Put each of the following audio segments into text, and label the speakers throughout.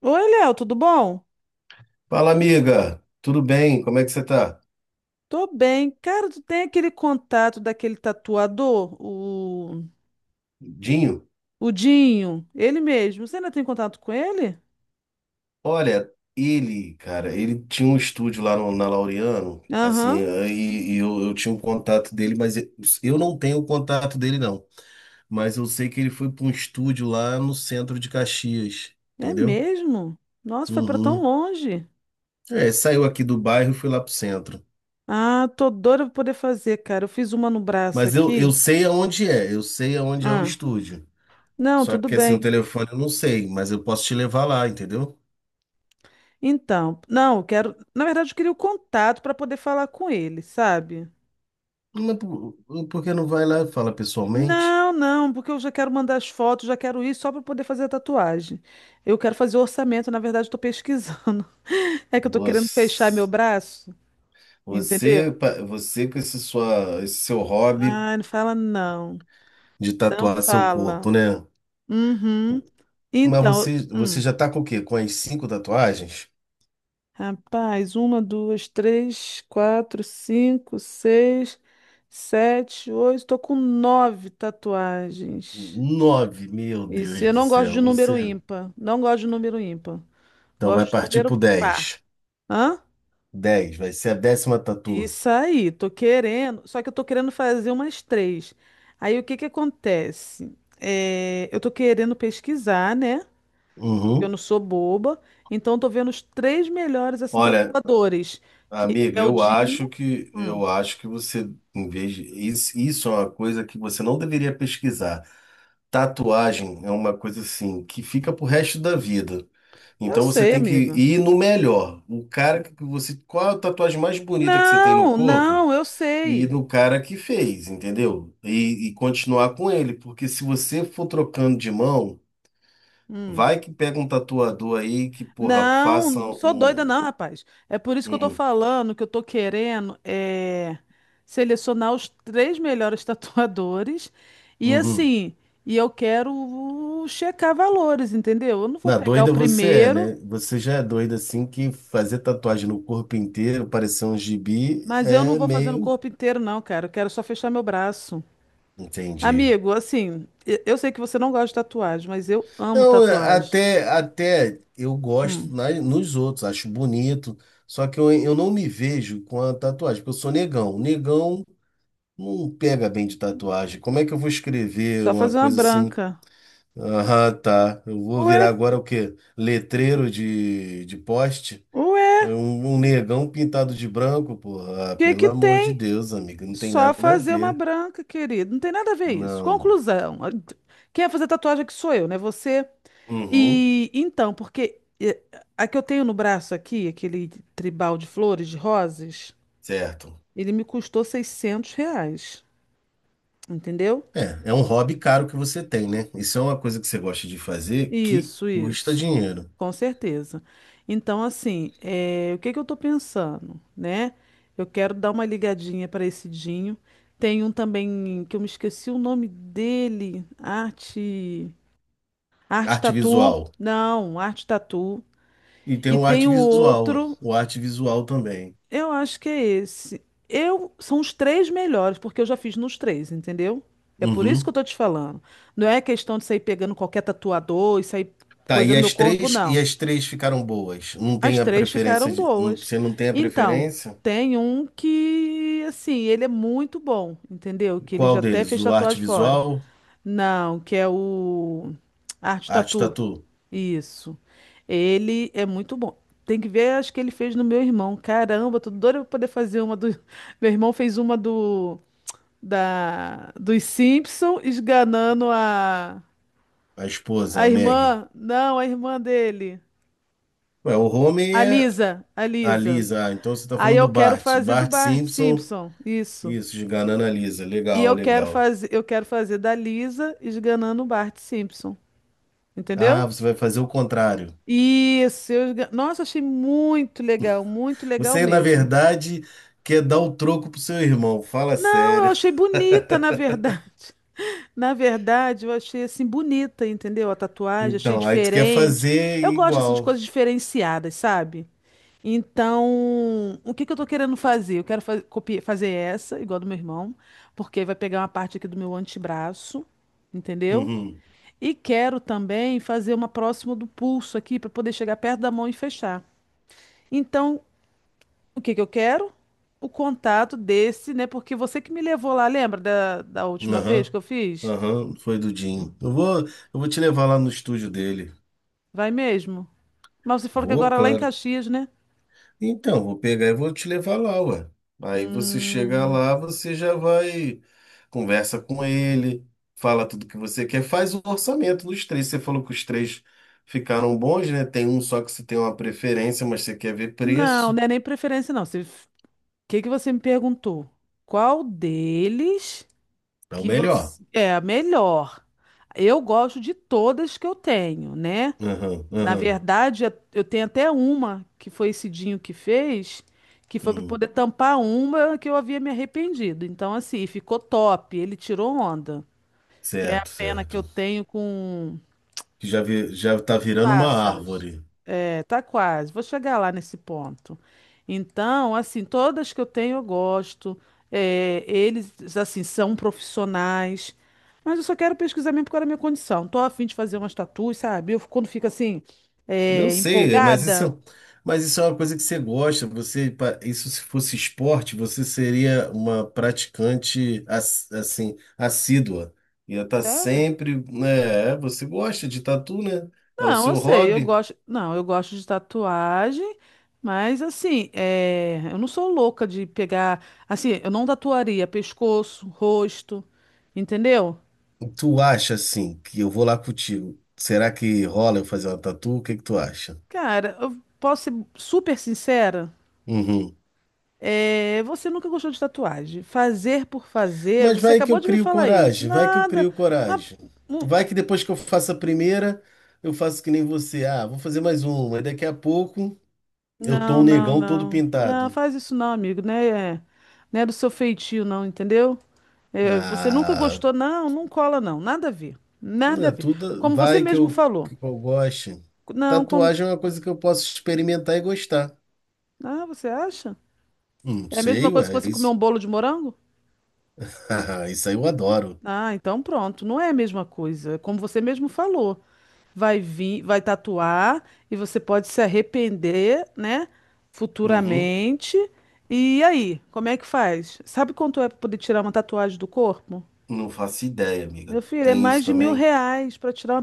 Speaker 1: Oi, Léo, tudo bom?
Speaker 2: Fala, amiga. Tudo bem? Como é que você tá?
Speaker 1: Tô bem. Cara, tu tem aquele contato daquele tatuador, o,
Speaker 2: Dinho?
Speaker 1: o Dinho, ele mesmo. Você ainda tem contato com ele?
Speaker 2: Olha, ele, cara, ele tinha um estúdio lá na Laureano, assim,
Speaker 1: Aham,
Speaker 2: e eu tinha um contato dele, mas eu não tenho o contato dele, não. Mas eu sei que ele foi para um estúdio lá no centro de Caxias,
Speaker 1: é
Speaker 2: entendeu?
Speaker 1: mesmo? Nossa, foi pra tão
Speaker 2: Uhum.
Speaker 1: longe.
Speaker 2: É, saiu aqui do bairro e foi lá pro centro.
Speaker 1: Ah, tô doida pra poder fazer, cara. Eu fiz uma no braço
Speaker 2: Mas eu
Speaker 1: aqui.
Speaker 2: sei aonde é, eu sei aonde é o
Speaker 1: Ah,
Speaker 2: estúdio.
Speaker 1: não,
Speaker 2: Só
Speaker 1: tudo
Speaker 2: que assim, o
Speaker 1: bem.
Speaker 2: telefone eu não sei, mas eu posso te levar lá, entendeu?
Speaker 1: Então, não, eu quero. Na verdade, eu queria o contato pra poder falar com ele, sabe?
Speaker 2: Mas por que não vai lá e fala pessoalmente?
Speaker 1: Não, não, porque eu já quero mandar as fotos, já quero ir só para poder fazer a tatuagem. Eu quero fazer o orçamento, na verdade, estou pesquisando. É que eu estou querendo fechar meu
Speaker 2: Você,
Speaker 1: braço,
Speaker 2: você,
Speaker 1: entendeu?
Speaker 2: pa- você com esse seu hobby.
Speaker 1: Ah, não fala não.
Speaker 2: De
Speaker 1: Não
Speaker 2: tatuar seu corpo,
Speaker 1: fala.
Speaker 2: né?
Speaker 1: Uhum.
Speaker 2: Mas
Speaker 1: Então,
Speaker 2: você
Speaker 1: hum.
Speaker 2: já tá com o quê? Com as cinco tatuagens?
Speaker 1: Rapaz, uma, duas, três, quatro, cinco, seis, sete, oito. Tô com nove tatuagens.
Speaker 2: Nove, meu
Speaker 1: Isso,
Speaker 2: Deus
Speaker 1: eu
Speaker 2: do
Speaker 1: não gosto de
Speaker 2: céu.
Speaker 1: número
Speaker 2: Você.
Speaker 1: ímpar. Não gosto de número ímpar.
Speaker 2: Então vai
Speaker 1: Gosto de
Speaker 2: partir pro
Speaker 1: número par.
Speaker 2: 10.
Speaker 1: Hã?
Speaker 2: Dez, vai ser a 10ª tatu.
Speaker 1: Isso aí, tô querendo. Só que eu tô querendo fazer umas três. Aí o que que acontece? É, eu tô querendo pesquisar, né? Porque eu
Speaker 2: Uhum.
Speaker 1: não sou boba. Então eu tô vendo os três melhores assim
Speaker 2: Olha,
Speaker 1: tatuadores, que
Speaker 2: amiga,
Speaker 1: é o
Speaker 2: eu acho
Speaker 1: Dinho.
Speaker 2: que
Speaker 1: Hum,
Speaker 2: eu acho que você, isso é uma coisa que você não deveria pesquisar. Tatuagem é uma coisa assim que fica pro resto da vida.
Speaker 1: eu
Speaker 2: Então você
Speaker 1: sei,
Speaker 2: tem que
Speaker 1: amiga.
Speaker 2: ir no melhor. O cara que você. Qual a tatuagem mais bonita que você tem no
Speaker 1: Não,
Speaker 2: corpo?
Speaker 1: não, eu
Speaker 2: E
Speaker 1: sei.
Speaker 2: no cara que fez, entendeu? E continuar com ele. Porque se você for trocando de mão,
Speaker 1: Hum.
Speaker 2: vai que pega um tatuador aí que, porra, faça
Speaker 1: Não, sou doida
Speaker 2: um.
Speaker 1: não, rapaz. É por isso que eu tô
Speaker 2: Um,
Speaker 1: falando que eu tô querendo é, selecionar os três melhores tatuadores e
Speaker 2: uhum.
Speaker 1: assim, e eu quero checar valores, entendeu? Eu não vou
Speaker 2: Na
Speaker 1: pegar o
Speaker 2: doida você é,
Speaker 1: primeiro,
Speaker 2: né? Você já é doida assim que fazer tatuagem no corpo inteiro, parecer um gibi,
Speaker 1: mas eu não
Speaker 2: é
Speaker 1: vou fazer no
Speaker 2: meio.
Speaker 1: corpo inteiro não, cara. Eu quero só fechar meu braço.
Speaker 2: Entendi.
Speaker 1: Amigo, assim, eu sei que você não gosta de tatuagem, mas eu amo
Speaker 2: Eu
Speaker 1: tatuagem.
Speaker 2: até eu gosto
Speaker 1: Hum,
Speaker 2: nos outros, acho bonito, só que eu não me vejo com a tatuagem, porque eu sou negão. Negão não pega bem de tatuagem. Como é que eu vou escrever
Speaker 1: só
Speaker 2: uma
Speaker 1: fazer uma
Speaker 2: coisa assim?
Speaker 1: branca.
Speaker 2: Ah, tá. Eu vou
Speaker 1: Ué,
Speaker 2: virar agora o quê? Letreiro de poste?
Speaker 1: ué,
Speaker 2: É
Speaker 1: o
Speaker 2: um negão pintado de branco, porra. Ah,
Speaker 1: que
Speaker 2: pelo
Speaker 1: que
Speaker 2: amor de
Speaker 1: tem?
Speaker 2: Deus, amigo, não tem
Speaker 1: Só
Speaker 2: nada a
Speaker 1: fazer uma
Speaker 2: ver.
Speaker 1: branca, querido. Não tem nada a ver isso.
Speaker 2: Não.
Speaker 1: Conclusão. Quem vai fazer tatuagem aqui sou eu, né? Você.
Speaker 2: Uhum,
Speaker 1: E então, porque a que eu tenho no braço aqui, aquele tribal de flores, de rosas,
Speaker 2: certo.
Speaker 1: ele me custou R$ 600. Entendeu?
Speaker 2: É, é um hobby caro que você tem, né? Isso é uma coisa que você gosta de fazer que
Speaker 1: Isso,
Speaker 2: custa
Speaker 1: isso.
Speaker 2: dinheiro.
Speaker 1: Com certeza. Então, assim, o que que eu tô pensando, né? Eu quero dar uma ligadinha para esse Dinho. Tem um também que eu me esqueci o nome dele. Arte. Arte
Speaker 2: Arte
Speaker 1: Tatu?
Speaker 2: visual.
Speaker 1: Não, Arte Tatu.
Speaker 2: E tem
Speaker 1: E tem o outro,
Speaker 2: o arte visual também.
Speaker 1: eu acho que é esse. Eu são os três melhores, porque eu já fiz nos três, entendeu? É por isso que
Speaker 2: Uhum.
Speaker 1: eu tô te falando. Não é questão de sair pegando qualquer tatuador e sair
Speaker 2: Tá,
Speaker 1: coisa
Speaker 2: e
Speaker 1: no meu
Speaker 2: as
Speaker 1: corpo,
Speaker 2: três, e
Speaker 1: não.
Speaker 2: as três ficaram boas. Não
Speaker 1: As
Speaker 2: tem a
Speaker 1: três
Speaker 2: preferência
Speaker 1: ficaram
Speaker 2: de, não-
Speaker 1: boas.
Speaker 2: você não tem a
Speaker 1: Então,
Speaker 2: preferência?
Speaker 1: tem um que, assim, ele é muito bom, entendeu? Que ele já
Speaker 2: Qual
Speaker 1: até
Speaker 2: deles?
Speaker 1: fez
Speaker 2: O arte
Speaker 1: tatuagem fora.
Speaker 2: visual,
Speaker 1: Não, que é o Arte
Speaker 2: a arte
Speaker 1: Tatu.
Speaker 2: tatu,
Speaker 1: Isso. Ele é muito bom. Tem que ver, acho que ele fez no meu irmão. Caramba, tô doida pra poder fazer uma do. Meu irmão fez uma do da dos Simpson esganando a
Speaker 2: a esposa,
Speaker 1: a
Speaker 2: a Maggie.
Speaker 1: irmã, não, a irmã dele,
Speaker 2: Ué, o homem
Speaker 1: a
Speaker 2: é
Speaker 1: Lisa, a
Speaker 2: a
Speaker 1: Lisa.
Speaker 2: Lisa, ah, então você tá
Speaker 1: Aí
Speaker 2: falando do
Speaker 1: eu quero
Speaker 2: Bart.
Speaker 1: fazer do
Speaker 2: Bart
Speaker 1: Bart
Speaker 2: Simpson,
Speaker 1: Simpson, isso.
Speaker 2: isso, de Ganana Lisa.
Speaker 1: E
Speaker 2: Legal, legal.
Speaker 1: eu quero fazer da Lisa esganando o Bart Simpson, entendeu?
Speaker 2: Ah, você vai fazer o contrário.
Speaker 1: Isso, nossa, achei muito legal
Speaker 2: Você, na
Speaker 1: mesmo.
Speaker 2: verdade, quer dar o troco pro seu irmão, fala
Speaker 1: Não, eu
Speaker 2: sério.
Speaker 1: achei bonita, na verdade. Na verdade, eu achei assim bonita, entendeu? A tatuagem, achei
Speaker 2: Então, aí tu quer
Speaker 1: diferente.
Speaker 2: fazer
Speaker 1: Eu gosto assim de
Speaker 2: igual.
Speaker 1: coisas diferenciadas, sabe? Então, o que que eu tô querendo fazer? Eu quero fazer essa, igual a do meu irmão, porque vai pegar uma parte aqui do meu antebraço, entendeu?
Speaker 2: Uhum.
Speaker 1: E quero também fazer uma próxima do pulso aqui para poder chegar perto da mão e fechar. Então, o que que eu quero? O contato desse, né? Porque você que me levou lá, lembra da última vez que
Speaker 2: Aham.
Speaker 1: eu fiz?
Speaker 2: Aham, foi do Dinho. Eu vou te levar lá no estúdio dele.
Speaker 1: Vai mesmo? Mas você falou que
Speaker 2: Vou,
Speaker 1: agora é lá em
Speaker 2: claro.
Speaker 1: Caxias, né?
Speaker 2: Então, vou pegar e vou te levar lá, ué. Aí você chega
Speaker 1: Hum,
Speaker 2: lá, você já vai, conversa com ele, fala tudo que você quer, faz o orçamento dos três. Você falou que os três ficaram bons, né? Tem um só que você tem uma preferência, mas você quer ver
Speaker 1: não,
Speaker 2: preço.
Speaker 1: não é nem preferência, não. O que que você me perguntou? Qual deles
Speaker 2: É o
Speaker 1: que
Speaker 2: melhor.
Speaker 1: você é a melhor? Eu gosto de todas que eu tenho, né?
Speaker 2: Aham,
Speaker 1: Na
Speaker 2: aham.
Speaker 1: verdade, eu tenho até uma que foi esse Dinho que fez, que foi para
Speaker 2: Hum,
Speaker 1: poder tampar uma que eu havia me arrependido. Então, assim, ficou top. Ele tirou onda, que é a
Speaker 2: certo,
Speaker 1: pena que eu
Speaker 2: certo.
Speaker 1: tenho com
Speaker 2: Que já, vi, já tá
Speaker 1: os
Speaker 2: virando uma
Speaker 1: pássaros.
Speaker 2: árvore.
Speaker 1: É, tá quase. Vou chegar lá nesse ponto. Então, assim, todas que eu tenho eu gosto. É, eles, assim, são profissionais. Mas eu só quero pesquisar mesmo porque era a minha condição. Tô a fim de fazer umas tatuas, sabe? Eu, quando fico assim,
Speaker 2: Eu sei, mas
Speaker 1: empolgada.
Speaker 2: mas isso é uma coisa que você gosta. Isso se fosse esporte, você seria uma praticante assim, assídua. Ia estar
Speaker 1: Sério?
Speaker 2: sempre, né? Você gosta de tatu, né? É o
Speaker 1: Não, eu
Speaker 2: seu
Speaker 1: sei, eu
Speaker 2: hobby.
Speaker 1: gosto. Não, eu gosto de tatuagem, mas assim, eu não sou louca de pegar. Assim, eu não tatuaria pescoço, rosto, entendeu?
Speaker 2: Tu acha assim que eu vou lá contigo? Será que rola eu fazer uma tatu? O que que tu acha?
Speaker 1: Cara, eu posso ser super sincera.
Speaker 2: Uhum.
Speaker 1: Você nunca gostou de tatuagem. Fazer por fazer,
Speaker 2: Mas
Speaker 1: você
Speaker 2: vai que
Speaker 1: acabou
Speaker 2: eu
Speaker 1: de me
Speaker 2: crio
Speaker 1: falar isso.
Speaker 2: coragem, vai que eu
Speaker 1: Nada.
Speaker 2: crio
Speaker 1: Mas
Speaker 2: coragem. Vai que depois que eu faço a primeira, eu faço que nem você. Ah, vou fazer mais uma. E daqui a pouco eu tô
Speaker 1: Não,
Speaker 2: um
Speaker 1: não,
Speaker 2: negão todo
Speaker 1: não. Não,
Speaker 2: pintado.
Speaker 1: faz isso não, amigo, né? Não é do seu feitio, não, entendeu? É, você nunca
Speaker 2: Ah,
Speaker 1: gostou, não, não cola, não. Nada a ver.
Speaker 2: não
Speaker 1: Nada a
Speaker 2: é
Speaker 1: ver.
Speaker 2: tudo.
Speaker 1: Como você
Speaker 2: Vai que
Speaker 1: mesmo
Speaker 2: eu,
Speaker 1: falou.
Speaker 2: que eu goste.
Speaker 1: Não, como.
Speaker 2: Tatuagem é uma coisa que eu posso experimentar e gostar.
Speaker 1: Ah, você acha?
Speaker 2: Não
Speaker 1: É a mesma
Speaker 2: sei,
Speaker 1: coisa que
Speaker 2: ué, é
Speaker 1: você comer um
Speaker 2: isso.
Speaker 1: bolo de morango?
Speaker 2: Isso aí eu adoro.
Speaker 1: Ah, então pronto, não é a mesma coisa. Como você mesmo falou, vai vir, vai tatuar e você pode se arrepender, né,
Speaker 2: Uhum.
Speaker 1: futuramente. E aí, como é que faz? Sabe quanto é para poder tirar uma tatuagem do corpo?
Speaker 2: Não faço ideia,
Speaker 1: Meu
Speaker 2: amiga.
Speaker 1: filho, é
Speaker 2: Tem isso
Speaker 1: mais de mil
Speaker 2: também?
Speaker 1: reais para tirar uma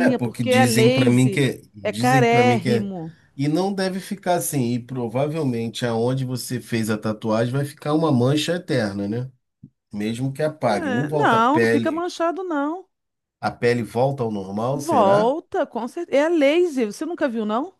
Speaker 2: É, porque
Speaker 1: porque é
Speaker 2: dizem pra mim
Speaker 1: laser,
Speaker 2: que é,
Speaker 1: é
Speaker 2: dizem para mim que é,
Speaker 1: carérrimo.
Speaker 2: e não deve ficar assim, e provavelmente aonde você fez a tatuagem vai ficar uma mancha eterna, né? Mesmo que apague, não
Speaker 1: É,
Speaker 2: volta
Speaker 1: não, não fica manchado, não.
Speaker 2: a pele volta ao normal, será?
Speaker 1: Volta, com certeza. É a laser, você nunca viu, não?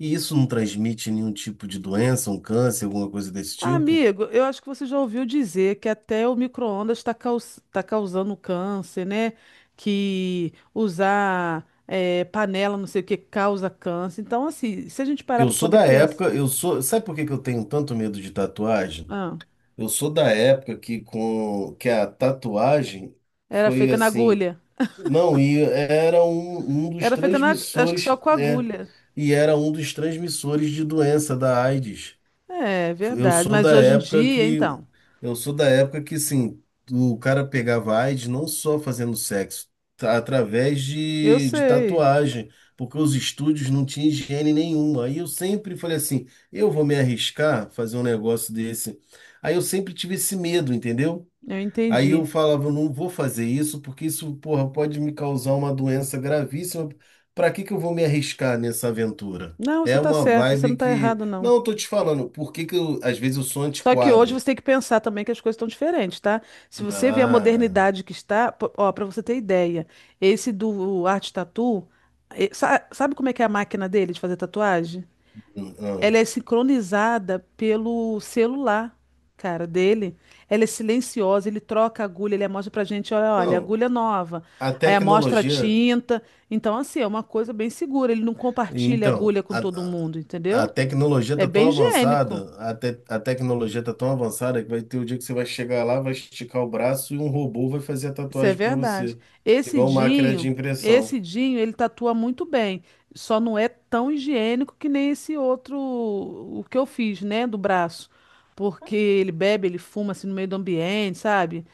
Speaker 2: E isso não transmite nenhum tipo de doença, um câncer, alguma coisa desse tipo?
Speaker 1: Amigo, eu acho que você já ouviu dizer que até o micro-ondas está causando câncer, né? Que usar panela, não sei o que, causa câncer. Então, assim, se a gente parar
Speaker 2: Eu
Speaker 1: para
Speaker 2: sou
Speaker 1: poder
Speaker 2: da
Speaker 1: pensar.
Speaker 2: época, sabe por que que eu tenho tanto medo de tatuagem?
Speaker 1: Ah,
Speaker 2: Eu sou da época que com que a tatuagem
Speaker 1: era
Speaker 2: foi
Speaker 1: feita na
Speaker 2: assim.
Speaker 1: agulha.
Speaker 2: Não, e era um dos
Speaker 1: Era feita na. Acho que só
Speaker 2: transmissores,
Speaker 1: com
Speaker 2: né?
Speaker 1: agulha.
Speaker 2: E era um dos transmissores de doença da AIDS.
Speaker 1: É,
Speaker 2: Eu
Speaker 1: verdade.
Speaker 2: sou
Speaker 1: Mas
Speaker 2: da
Speaker 1: hoje em
Speaker 2: época
Speaker 1: dia,
Speaker 2: que
Speaker 1: então.
Speaker 2: eu sou da época que sim, o cara pegava AIDS não só fazendo sexo, tá, através
Speaker 1: Eu
Speaker 2: de
Speaker 1: sei.
Speaker 2: tatuagem, porque os estúdios não tinham higiene nenhuma. Aí eu sempre falei assim, eu vou me arriscar fazer um negócio desse. Aí eu sempre tive esse medo, entendeu?
Speaker 1: Eu
Speaker 2: Aí eu
Speaker 1: entendi.
Speaker 2: falava, eu não vou fazer isso, porque isso, porra, pode me causar uma doença gravíssima. Pra que que eu vou me arriscar nessa aventura?
Speaker 1: Não, você
Speaker 2: É
Speaker 1: tá
Speaker 2: uma
Speaker 1: certo, você não
Speaker 2: vibe
Speaker 1: tá
Speaker 2: que.
Speaker 1: errado, não.
Speaker 2: Não, eu tô te falando, por que que eu, às vezes eu sou
Speaker 1: Só que hoje
Speaker 2: antiquadro.
Speaker 1: você tem que pensar também que as coisas estão diferentes, tá? Se você vê a
Speaker 2: Ah,
Speaker 1: modernidade que está, pô, ó, para você ter ideia, esse do Art Tattoo, sabe como é que é a máquina dele de fazer tatuagem?
Speaker 2: hum,
Speaker 1: Ela
Speaker 2: hum.
Speaker 1: é sincronizada pelo celular, cara, dele. Ela é silenciosa, ele troca a agulha, ele mostra pra gente, olha, olha,
Speaker 2: Não,
Speaker 1: agulha nova.
Speaker 2: a
Speaker 1: Aí amostra a
Speaker 2: tecnologia.
Speaker 1: tinta. Então, assim, é uma coisa bem segura. Ele não compartilha
Speaker 2: Então,
Speaker 1: agulha com
Speaker 2: a,
Speaker 1: todo
Speaker 2: a
Speaker 1: mundo,
Speaker 2: a
Speaker 1: entendeu?
Speaker 2: tecnologia
Speaker 1: É
Speaker 2: tá
Speaker 1: bem
Speaker 2: tão
Speaker 1: higiênico.
Speaker 2: avançada, a tecnologia tá tão avançada que vai ter o dia que você vai chegar lá, vai esticar o braço e um robô vai fazer a
Speaker 1: Isso é
Speaker 2: tatuagem pra
Speaker 1: verdade.
Speaker 2: você,
Speaker 1: Esse
Speaker 2: igual máquina de
Speaker 1: Dinho,
Speaker 2: impressão.
Speaker 1: esse Dinho, ele tatua muito bem. Só não é tão higiênico que nem esse outro, o que eu fiz, né, do braço. Porque ele bebe, ele fuma assim no meio do ambiente, sabe?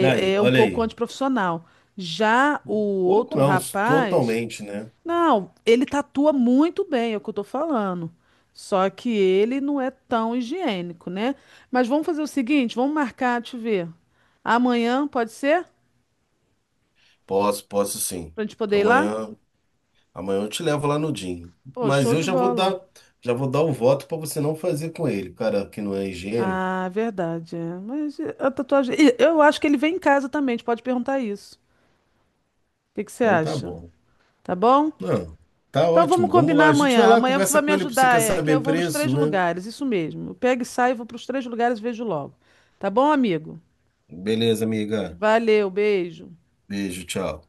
Speaker 2: Aí,
Speaker 1: é um
Speaker 2: olha
Speaker 1: pouco
Speaker 2: aí.
Speaker 1: antiprofissional. Já o
Speaker 2: Pouco
Speaker 1: outro
Speaker 2: não,
Speaker 1: rapaz,
Speaker 2: totalmente, né?
Speaker 1: não, ele tatua muito bem, é o que eu tô falando. Só que ele não é tão higiênico, né? Mas vamos fazer o seguinte, vamos marcar, deixa eu ver. Amanhã, pode ser?
Speaker 2: Posso, posso sim.
Speaker 1: Pra gente poder ir lá?
Speaker 2: Amanhã, amanhã eu te levo lá no Dinho.
Speaker 1: Pô,
Speaker 2: Mas
Speaker 1: show
Speaker 2: eu
Speaker 1: de
Speaker 2: já vou
Speaker 1: bola.
Speaker 2: dar, já vou dar o voto para você não fazer com ele, cara, que não é higiênico.
Speaker 1: Ah, é verdade. É. Mas a tatuagem. E eu acho que ele vem em casa também. A gente pode perguntar isso. O que que você
Speaker 2: Então tá
Speaker 1: acha?
Speaker 2: bom.
Speaker 1: Tá bom?
Speaker 2: Não, tá
Speaker 1: Então vamos
Speaker 2: ótimo. Vamos
Speaker 1: combinar
Speaker 2: lá. A gente vai
Speaker 1: amanhã.
Speaker 2: lá,
Speaker 1: Amanhã você
Speaker 2: conversa
Speaker 1: vai me
Speaker 2: com ele, porque você
Speaker 1: ajudar,
Speaker 2: quer
Speaker 1: é. Que aí eu
Speaker 2: saber
Speaker 1: vou nos
Speaker 2: preço,
Speaker 1: três
Speaker 2: né?
Speaker 1: lugares. Isso mesmo. Eu pego e saio, vou para os três lugares e vejo logo. Tá bom, amigo?
Speaker 2: Beleza, amiga.
Speaker 1: Valeu, beijo.
Speaker 2: Beijo, tchau.